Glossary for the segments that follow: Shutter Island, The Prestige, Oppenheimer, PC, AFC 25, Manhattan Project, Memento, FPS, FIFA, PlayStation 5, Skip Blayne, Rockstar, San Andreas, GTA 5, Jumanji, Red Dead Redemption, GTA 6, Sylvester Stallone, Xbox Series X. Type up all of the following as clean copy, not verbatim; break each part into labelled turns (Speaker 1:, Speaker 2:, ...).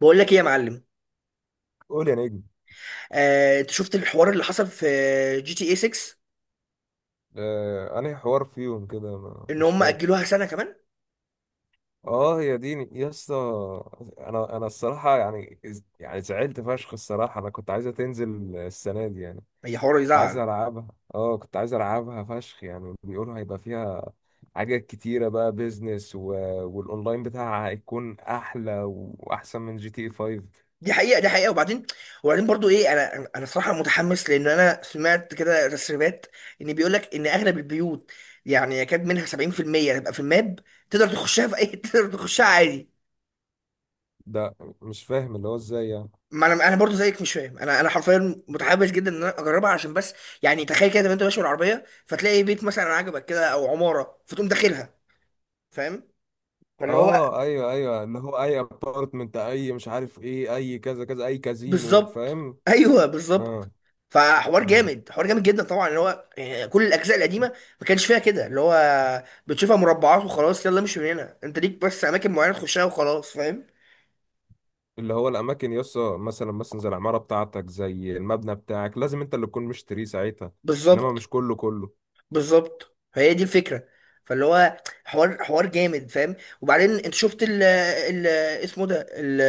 Speaker 1: بقول لك ايه يا معلم؟
Speaker 2: قول يا نجم.
Speaker 1: انت شفت الحوار اللي حصل في جي تي اي 6؟
Speaker 2: آه، أنهي حوار فيهم كده
Speaker 1: ان
Speaker 2: مش
Speaker 1: هم اجلوها
Speaker 2: فاكر.
Speaker 1: سنه كمان.
Speaker 2: اه هي دي يا اسطى. انا الصراحه يعني، يعني زعلت فشخ الصراحه. انا كنت عايزه تنزل السنه دي يعني،
Speaker 1: هي حوار
Speaker 2: كنت عايز
Speaker 1: يزعل؟
Speaker 2: العبها. اه كنت عايز العبها فشخ يعني. بيقولوا هيبقى فيها حاجات كتيره بقى، بيزنس والاونلاين بتاعها هيكون احلى واحسن من جي تي اي 5.
Speaker 1: دي حقيقه، دي حقيقه. وبعدين وبعدين برضو ايه، انا صراحه متحمس لان انا سمعت كده تسريبات ان بيقول لك ان اغلب البيوت يعني يكاد منها 70% تبقى في الماب، تقدر تخشها في اي تقدر تخشها عادي.
Speaker 2: ده مش فاهم اللي هو ازاي يعني.
Speaker 1: ما انا برضو زيك مش فاهم، انا حرفيا متحمس جدا ان انا اجربها عشان بس يعني تخيل كده لما انت ماشي بالعربيه فتلاقي بيت مثلا عجبك كده او عماره فتقوم داخلها، فاهم؟ فاللي هو
Speaker 2: اه ايوه، ايوه اللي هو اي ابارتمنت، اي مش عارف ايه، اي كذا كذا، اي كازينو،
Speaker 1: بالظبط،
Speaker 2: فاهم.
Speaker 1: ايوه
Speaker 2: اه،
Speaker 1: بالظبط. فحوار
Speaker 2: اه
Speaker 1: جامد، حوار جامد جدا طبعا، اللي هو يعني كل الاجزاء القديمه ما كانش فيها كده، اللي هو بتشوفها مربعات وخلاص، يلا مش من هنا، انت ليك بس اماكن معينه تخشها وخلاص، فاهم؟
Speaker 2: اللي هو الاماكن يسا مثلا، مثلا زي العماره بتاعتك، زي المبنى بتاعك، لازم انت اللي تكون مشتريه ساعتها. انما
Speaker 1: بالظبط
Speaker 2: مش كله كله.
Speaker 1: بالظبط، فهي دي الفكره. فاللي هو حوار، حوار جامد، فاهم؟ وبعدين انت شفت ال اسمه ده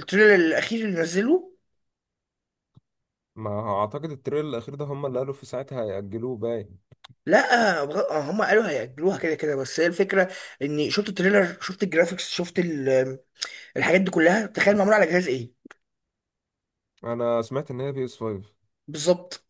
Speaker 1: التريلر الاخير اللي نزله.
Speaker 2: ما هو اعتقد التريل الاخير ده هم اللي قالوا في ساعتها هيأجلوه باين.
Speaker 1: لا، هم قالوا هيأجلوها كده كده، بس هي الفكره اني شفت التريلر، شفت الجرافيكس، شفت ال الحاجات دي كلها، تخيل معموله على جهاز ايه؟
Speaker 2: انا سمعت ان هي بي اس 5.
Speaker 1: بالظبط.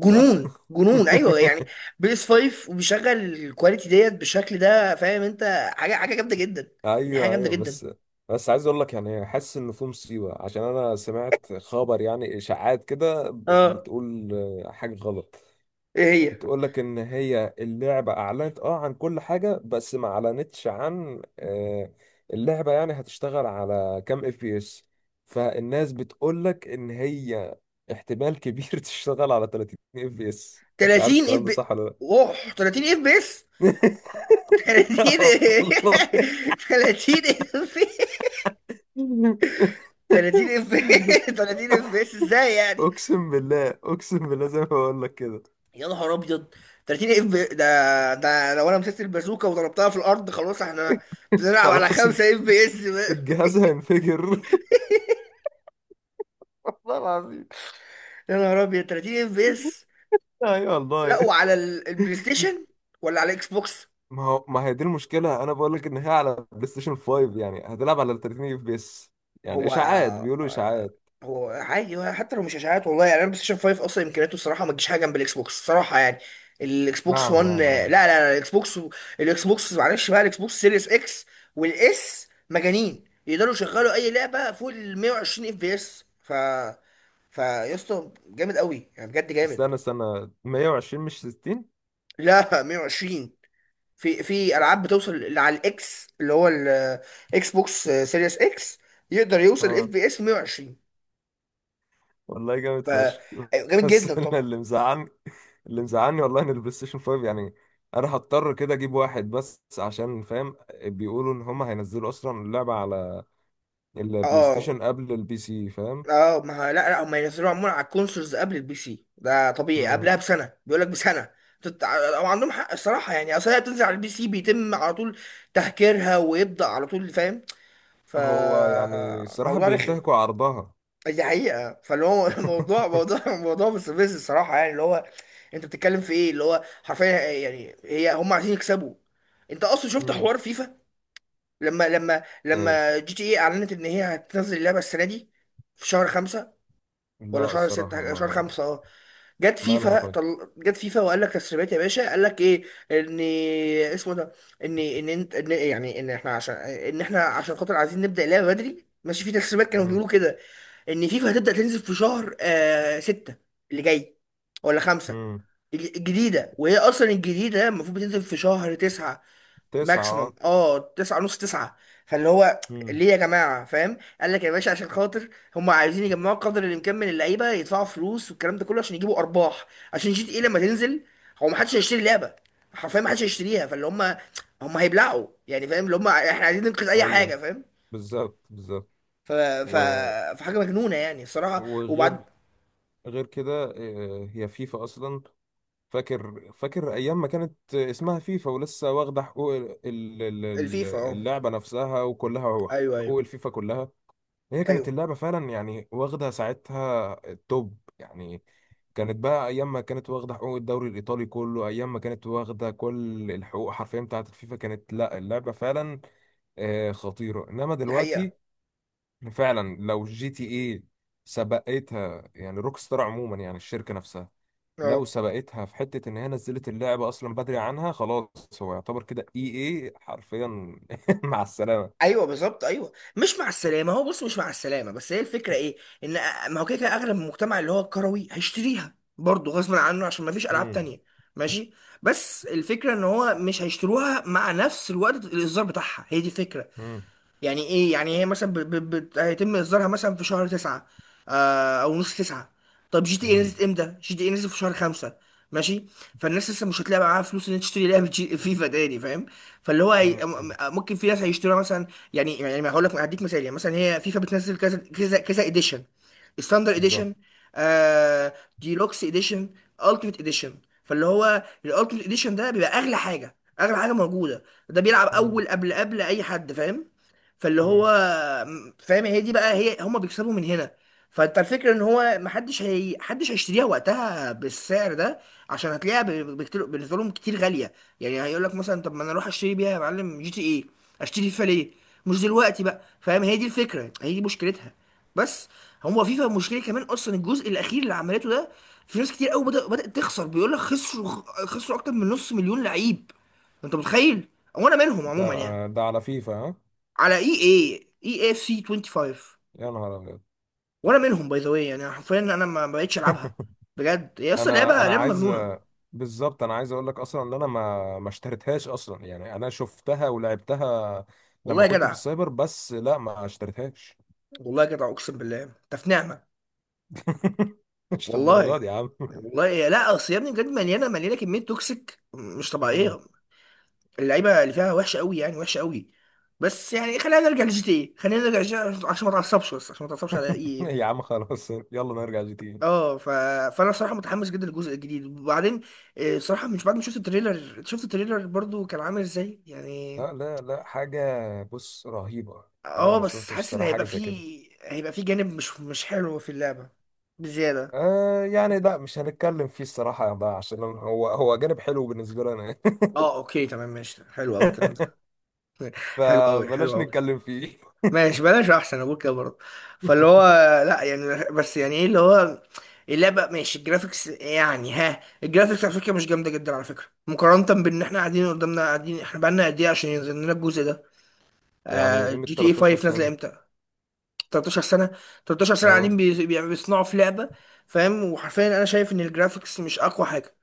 Speaker 2: صح.
Speaker 1: جنون، ايوه يعني. بي اس 5 وبيشغل الكواليتي ديت بالشكل ده، فاهم انت؟ حاجه، حاجه جامده جدا، يعني حاجه
Speaker 2: ايوه،
Speaker 1: جامده
Speaker 2: ايوه
Speaker 1: جدا.
Speaker 2: بس. بس عايز اقول لك يعني، حاسس ان في مصيبه عشان انا سمعت خبر يعني اشاعات كده
Speaker 1: اه،
Speaker 2: بتقول، حاجه غلط.
Speaker 1: ايه هي؟
Speaker 2: بتقول لك ان هي اللعبه اعلنت اه عن كل حاجه بس ما اعلنتش عن اللعبه يعني هتشتغل على كام اف بي اس. فالناس بتقول لك ان هي احتمال كبير تشتغل على 30 اف بي اس. مش عارف
Speaker 1: 30 اف
Speaker 2: الكلام ده
Speaker 1: بي،
Speaker 2: صح ولا.
Speaker 1: اوه 30 اف بي اس؟ 30؟
Speaker 2: لا والله.
Speaker 1: 30 اف 30 اف 30 اف بي اس ازاي يعني؟
Speaker 2: اقسم بالله، اقسم بالله زي ما بقول لك كده.
Speaker 1: يا نهار ابيض، 30 اف بي، ده ده لو انا مسكت البازوكه وضربتها في الارض خلاص احنا بنلعب على
Speaker 2: خلاص
Speaker 1: 5 اف بي اس.
Speaker 2: الجهاز هينفجر.
Speaker 1: والله العظيم، يا نهار ابيض، 30 اف بي اس
Speaker 2: ايوه
Speaker 1: لا
Speaker 2: والله.
Speaker 1: وعلى البلاي ستيشن ولا على الاكس بوكس؟
Speaker 2: ما هو ما هي دي المشكله، انا بقول لك ان هي على بلاي ستيشن 5 يعني هتلعب على 30 اف بي اس. يعني
Speaker 1: هو
Speaker 2: اشاعات،
Speaker 1: آه
Speaker 2: بيقولوا
Speaker 1: آه
Speaker 2: اشاعات.
Speaker 1: هو عادي، هو حتى لو مش اشاعات والله يعني، انا بلاي ستيشن 5 اصلا امكانياته الصراحه ما تجيش حاجه جنب الاكس بوكس الصراحه يعني. الاكس بوكس
Speaker 2: نعم،
Speaker 1: 1،
Speaker 2: نعم،
Speaker 1: لا
Speaker 2: نعم.
Speaker 1: لا لا الاكس بوكس الاكس بوكس معلش بقى، الاكس بوكس سيريس اكس والاس مجانين، يقدروا يشغلوا اي لعبه فوق ال 120 اف بي اس. ف فيا اسطى جامد قوي، يعني بجد جامد.
Speaker 2: استنى 120 مش 60.
Speaker 1: لا 120، في في العاب بتوصل اللي على الاكس اللي هو الاكس بوكس سيريس اكس، يقدر يوصل اف
Speaker 2: اه
Speaker 1: بي اس 120.
Speaker 2: والله
Speaker 1: ف
Speaker 2: جامد فشخ.
Speaker 1: جامد جدا
Speaker 2: بس أنا
Speaker 1: طبعا.
Speaker 2: اللي مزعلني، اللي مزعلني والله ان البلاي ستيشن 5 يعني انا هضطر كده اجيب واحد بس، عشان فاهم، بيقولوا ان هم هينزلوا اصلا اللعبه على البلاي
Speaker 1: اه
Speaker 2: ستيشن قبل البي سي، فاهم.
Speaker 1: اه، ما لا، هم ينزلوا عموما على الكونسولز قبل البي سي، ده طبيعي،
Speaker 2: مم.
Speaker 1: قبلها بسنه، بيقول لك بسنه. او عندهم حق الصراحه يعني، اصل هي بتنزل على البي سي بيتم على طول تهكيرها ويبدا على طول، فاهم؟
Speaker 2: هو يعني الصراحه
Speaker 1: فموضوع رخم.
Speaker 2: بينتهكوا عرضها.
Speaker 1: دي حقيقة، فاللي هو موضوع، موضوع، موضوع مستفز الصراحة، يعني اللي هو انت بتتكلم في ايه؟ اللي هو حرفيا يعني هي هم عايزين يكسبوا. انت اصلا شفت
Speaker 2: مم.
Speaker 1: حوار فيفا؟ لما جي تي ايه اعلنت ان هي هتنزل اللعبة السنة دي في شهر خمسة، ولا
Speaker 2: لا
Speaker 1: شهر
Speaker 2: الصراحة
Speaker 1: ستة، شهر
Speaker 2: ما.
Speaker 1: خمسة اه. جت
Speaker 2: مالها
Speaker 1: فيفا،
Speaker 2: طيب.
Speaker 1: جت فيفا وقال لك تسريبات يا باشا، قال لك ايه؟ ان اسمه ده، ان انت ان يعني ان احنا عشان، ان احنا عشان خاطر عايزين نبدأ اللعبة بدري، ماشي، في تسريبات كانوا
Speaker 2: مم.
Speaker 1: بيقولوا كده ان فيفا هتبدأ تنزل في شهر ستة اللي جاي، ولا خمسة.
Speaker 2: مم.
Speaker 1: الجديدة، وهي اصلا الجديدة المفروض بتنزل في شهر تسعة،
Speaker 2: تسعة اه.
Speaker 1: ماكسيمم اه تسعة نص تسعة. فاللي هو
Speaker 2: مم.
Speaker 1: ليه يا جماعة، فاهم؟ قال لك يا باشا عشان خاطر هم عايزين يجمعوا قدر الامكان من اللعيبة يدفعوا فلوس والكلام ده كله عشان يجيبوا ارباح، عشان جي تي ايه لما تنزل هو محدش هيشتري اللعبة، حرفيا محدش هيشتريها، فاللي هم هم هيبلعوا يعني، فاهم؟ اللي هم احنا عايزين ننقذ اي
Speaker 2: ايوه
Speaker 1: حاجة، فاهم؟
Speaker 2: بالظبط، بالظبط
Speaker 1: ف... ف...
Speaker 2: و...
Speaker 1: فحاجة مجنونة يعني الصراحة، وبعد.
Speaker 2: وغير، غير كده هي فيفا اصلا، فاكر، فاكر ايام ما كانت اسمها فيفا ولسه واخدة حقوق
Speaker 1: الفيفا اه،
Speaker 2: اللعبة نفسها وكلها،
Speaker 1: ايوه ايوه
Speaker 2: حقوق الفيفا كلها. هي كانت
Speaker 1: ايوه.
Speaker 2: اللعبة فعلا يعني واخدة ساعتها التوب يعني. كانت بقى أيام ما كانت واخدة حقوق الدوري الإيطالي كله، أيام ما كانت واخدة كل الحقوق حرفيا بتاعة الفيفا، كانت لا اللعبة فعلا خطيرة. إنما
Speaker 1: دي حقيقة.
Speaker 2: دلوقتي فعلا لو جي تي إيه سبقتها يعني، روكستار عموما يعني الشركة نفسها، لو
Speaker 1: اه
Speaker 2: سبقتها في حتة إن هي نزلت اللعبة أصلا بدري عنها، خلاص هو يعتبر كده إي إيه حرفيا مع السلامة.
Speaker 1: ايوه بالظبط، ايوه مش مع السلامه، هو بص مش مع السلامه، بس هي الفكره ايه، ما هو كده كده اغلب المجتمع اللي هو الكروي هيشتريها برضه غصب عنه عشان ما فيش العاب
Speaker 2: مم.
Speaker 1: تانية، ماشي، بس الفكره ان هو مش هيشتروها مع نفس الوقت الاصدار بتاعها، هي دي الفكره.
Speaker 2: مم.
Speaker 1: يعني ايه يعني، هي مثلا هيتم اصدارها مثلا في شهر تسعة، او نص تسعة. طب جي تي ايه
Speaker 2: مم.
Speaker 1: نزلت امتى؟ جي تي ايه نزلت في شهر خمسة، ماشي، فالناس لسه مش هتلاقي معاها فلوس ان هي تشتري لعبه فيفا تاني، فاهم؟ فاللي هو هي...
Speaker 2: مم.
Speaker 1: ممكن في ناس هيشتروها مثلا، يعني يعني هقول لك هديك مثال، يعني مثلا هي فيفا بتنزل كذا كذا كذا اديشن، ستاندر
Speaker 2: بالظبط.
Speaker 1: اديشن، آه ديلوكس اديشن، التيميت اديشن. فاللي هو الالتيميت اديشن ده بيبقى اغلى حاجه، اغلى حاجه موجوده، ده بيلعب
Speaker 2: مم.
Speaker 1: اول قبل قبل اي حد، فاهم؟ فاللي هو
Speaker 2: مم.
Speaker 1: فاهم، هي دي بقى، هي هما بيكسبوا من هنا. فانت الفكره ان هو محدش، هي محدش هيشتريها وقتها بالسعر ده عشان هتلاقيها بكتير، بالنسبه لهم كتير غاليه، يعني هيقول لك مثلا طب ما انا اروح اشتري بيها يا معلم جي تي ايه، اشتري فيفا ليه مش دلوقتي بقى، فاهم؟ هي دي الفكره، هي دي مشكلتها بس. هو فيفا مشكله كمان اصلا الجزء الاخير اللي عملته ده، في ناس كتير قوي بدأ بدأت تخسر، بيقول لك خسروا، خسروا اكتر من نص مليون لعيب، انت متخيل؟ وانا منهم عموما
Speaker 2: ده،
Speaker 1: يعني،
Speaker 2: ده على فيفا ها.
Speaker 1: على اي اي اي اف سي 25.
Speaker 2: يا نهار ابيض.
Speaker 1: وانا منهم باي ذا واي، يعني حرفيا انا ما بقتش العبها بجد، هي اصلا
Speaker 2: انا
Speaker 1: لعبه،
Speaker 2: انا
Speaker 1: لعبه
Speaker 2: عايز،
Speaker 1: مجنونه.
Speaker 2: بالظبط انا عايز اقول لك اصلا ان انا ما اشتريتهاش اصلا يعني. انا شفتها ولعبتها
Speaker 1: والله
Speaker 2: لما
Speaker 1: يا
Speaker 2: كنت في
Speaker 1: جدع،
Speaker 2: السايبر بس، لا ما اشتريتهاش.
Speaker 1: والله يا جدع اقسم بالله انت في نعمه،
Speaker 2: مش للدرجه
Speaker 1: والله.
Speaker 2: دي يا عم.
Speaker 1: والله لا، اصل يا ابني بجد مليانه، مليانه كميه توكسيك مش
Speaker 2: مم.
Speaker 1: طبيعيه، اللعيبه اللي فيها وحشه قوي يعني، وحشه قوي. بس يعني خلينا نرجع لجي تي ايه، خلينا نرجع لجي تي إيه عشان ما تعصبش، بس عشان ما تعصبش على ايه.
Speaker 2: يا عم خلاص يلا نرجع جي تي إيه.
Speaker 1: اه ف... فانا صراحه متحمس جدا للجزء الجديد. وبعدين صراحه مش بعد ما شفت التريلر، شفت التريلر برضو كان عامل ازاي يعني؟
Speaker 2: لا، لا، لا حاجه. بص رهيبه. انا
Speaker 1: اه
Speaker 2: ما
Speaker 1: بس
Speaker 2: شفتش
Speaker 1: حاسس ان
Speaker 2: صراحه حاجه
Speaker 1: هيبقى
Speaker 2: زي كده.
Speaker 1: فيه، هيبقى فيه جانب مش، مش حلو في اللعبة بزيادة.
Speaker 2: آه يعني لا مش هنتكلم فيه الصراحه ده، عشان هو، هو جانب حلو بالنسبه لنا.
Speaker 1: اه اوكي تمام ماشي، حلو قوي الكلام ده. حلو قوي، حلو
Speaker 2: فبلاش
Speaker 1: قوي،
Speaker 2: نتكلم فيه.
Speaker 1: ماشي بلاش، احسن ابوك كده برضه. فاللي هو لا يعني بس يعني ايه اللي هو، اللعبة ماشي، الجرافيكس يعني ها، الجرافيكس على فكرة مش جامدة جدا على فكرة، مقارنة بان احنا قاعدين قدامنا، قاعدين احنا بقالنا قد ايه عشان ينزل لنا الجزء ده؟
Speaker 2: يعني
Speaker 1: آه
Speaker 2: قيمة
Speaker 1: جي تي اي
Speaker 2: 13
Speaker 1: 5 نازلة
Speaker 2: سنة.
Speaker 1: امتى؟ 13 سنه، 13 سنه
Speaker 2: اه
Speaker 1: قاعدين بيصنعوا في لعبه، فاهم؟ وحرفيا انا شايف ان الجرافيكس مش اقوى حاجه،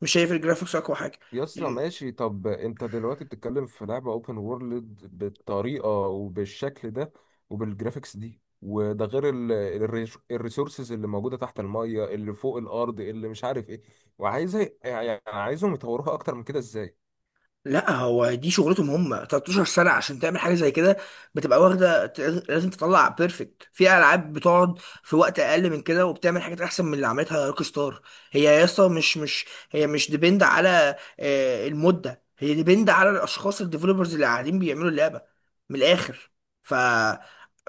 Speaker 1: مش شايف الجرافيكس اقوى حاجه.
Speaker 2: يا اسطى ماشي، طب انت دلوقتي بتتكلم في لعبة اوبن وورلد بالطريقة وبالشكل ده وبالجرافيكس دي، وده غير الريسورسز اللي موجودة تحت المية، اللي فوق الأرض، اللي مش عارف ايه، وعايزة يعني عايزهم يطوروها أكتر من كده ازاي.
Speaker 1: لا هو دي شغلتهم هم، 13 سنة عشان تعمل حاجة زي كده بتبقى واخدة لازم تطلع بيرفكت. في ألعاب بتقعد في وقت أقل من كده وبتعمل حاجات أحسن من اللي عملتها روك ستار. هي يا اسطى مش، مش هي مش ديبند على المدة، هي ديبند على الأشخاص الديفلوبرز اللي قاعدين بيعملوا اللعبة، من الآخر. ف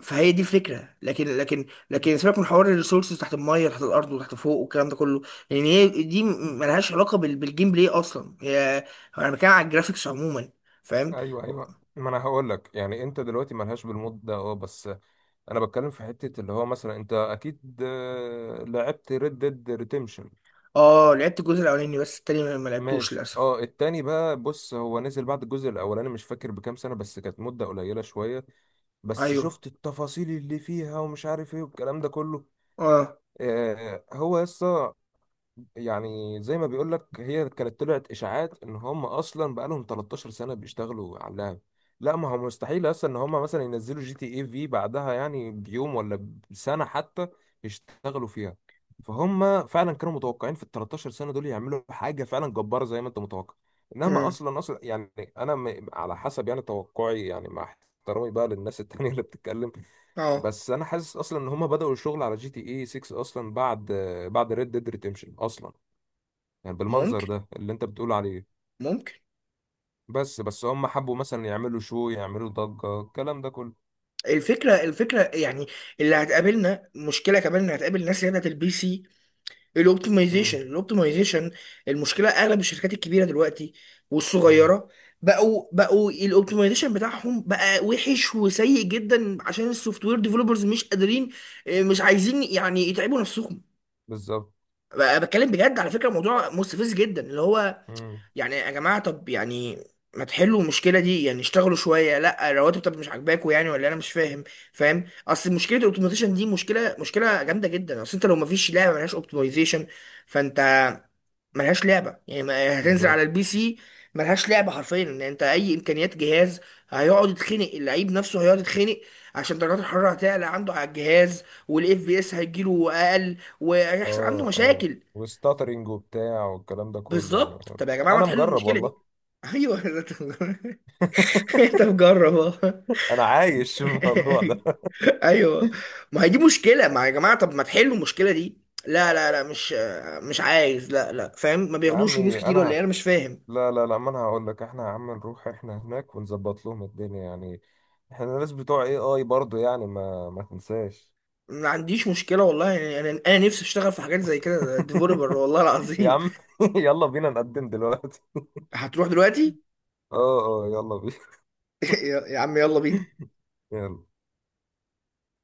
Speaker 1: فهي دي الفكرة. لكن لكن لكن سيبك من حوار الريسورسز تحت المية تحت الأرض وتحت فوق والكلام ده كله، لأن هي دي ملهاش علاقة بالجيم بلاي أصلا هي. انا بتكلم على الجرافيكس عموما، فاهم؟
Speaker 2: ايوه، ايوه ما انا هقول لك يعني انت دلوقتي ملهاش بالمود ده اه، بس انا بتكلم في حتة اللي هو مثلا انت اكيد لعبت ريد ديد ريديمشن.
Speaker 1: اه لعبت الجزء الاولاني بس التاني ما لعبتوش
Speaker 2: ماشي
Speaker 1: للاسف.
Speaker 2: اه، التاني بقى بص هو نزل بعد الجزء الاولاني مش فاكر بكام سنة، بس كانت مدة قليلة شوية. بس
Speaker 1: ايوه
Speaker 2: شفت التفاصيل اللي فيها ومش عارف ايه والكلام ده كله.
Speaker 1: اه.
Speaker 2: آه هو يسطا يعني زي ما بيقول لك هي كانت طلعت اشاعات ان هم اصلا بقالهم 13 سنه بيشتغلوا على اللعب. لا ما هو مستحيل اصلا ان هم مثلا ينزلوا جي تي اي في بعدها يعني بيوم ولا بسنه حتى يشتغلوا فيها. فهم فعلا كانوا متوقعين في ال 13 سنه دول يعملوا حاجه فعلا جباره زي ما انت متوقع. انما
Speaker 1: امم
Speaker 2: اصلا يعني انا على حسب يعني توقعي يعني، مع احترامي بقى للناس التانية اللي بتتكلم،
Speaker 1: اه.
Speaker 2: بس انا حاسس اصلا ان هم بدأوا الشغل على جي تي اي 6 اصلا بعد، بعد ريد ديد ريديمشن اصلا، يعني بالمنظر
Speaker 1: ممكن،
Speaker 2: ده اللي انت بتقول عليه.
Speaker 1: ممكن.
Speaker 2: بس، بس هم حبوا مثلا يعملوا شو، يعملوا ضجة الكلام ده كله.
Speaker 1: الفكره، الفكره يعني اللي هتقابلنا مشكله كمان، ان هتقابل ناس اللي هي بتاعت البي سي،
Speaker 2: امم،
Speaker 1: الاوبتمايزيشن، الاوبتمايزيشن. المشكله اغلب الشركات الكبيره دلوقتي
Speaker 2: امم،
Speaker 1: والصغيره، بقوا الاوبتمايزيشن بتاعهم بقى وحش وسيء جدا عشان السوفت وير ديفلوبرز مش قادرين، مش عايزين يعني يتعبوا نفسهم.
Speaker 2: بالظبط.
Speaker 1: بقى بتكلم بجد على فكره، موضوع مستفز جدا اللي هو
Speaker 2: امم،
Speaker 1: يعني يا جماعه طب يعني ما تحلوا المشكله دي يعني، اشتغلوا شويه، لا الرواتب طب مش عاجباكوا يعني، ولا انا مش فاهم، فاهم؟ اصل مشكله الاوبتمايزيشن دي مشكله، مشكله جامده جدا، اصل انت لو ما فيش لعبه ملهاش اوبتمايزيشن فانت ملهاش لعبه يعني، ما يعني هتنزل على
Speaker 2: بالظبط.
Speaker 1: البي سي ملهاش لعبه حرفيا، ان انت اي امكانيات جهاز هيقعد يتخنق، اللعيب نفسه هيقعد يتخنق عشان درجات الحراره هتعلى عنده على الجهاز، والاف بي اس هيجيله اقل وهيحصل عنده
Speaker 2: اه، اه
Speaker 1: مشاكل.
Speaker 2: وستاترينج وبتاع والكلام ده كله يعني.
Speaker 1: بالظبط، طب يا جماعه ما
Speaker 2: انا
Speaker 1: تحلوا
Speaker 2: مجرب
Speaker 1: المشكله
Speaker 2: والله.
Speaker 1: دي. ايوه انت مجرب اهو.
Speaker 2: انا عايش الموضوع ده.
Speaker 1: ايوه، ما هي دي مشكله، ما يا جماعه طب ما تحلوا المشكله دي. لا، مش، مش عايز لا لا، فاهم ما
Speaker 2: يا
Speaker 1: بياخدوش فلوس
Speaker 2: عمي
Speaker 1: كتير ولا ايه،
Speaker 2: انا،
Speaker 1: انا مش فاهم.
Speaker 2: لا، لا، لا، ما انا هقول لك احنا يا عم نروح احنا هناك ونظبط لهم الدنيا يعني، احنا الناس بتوع اي اي برضه يعني، ما تنساش.
Speaker 1: ما عنديش مشكله والله يعني، انا نفسي اشتغل في حاجات زي كده ديفلوبر والله
Speaker 2: يا
Speaker 1: العظيم.
Speaker 2: عم يلا بينا نقدم دلوقتي.
Speaker 1: هتروح دلوقتي؟
Speaker 2: اه، اه يلا بينا.
Speaker 1: يا عم يلا بينا.
Speaker 2: يلا.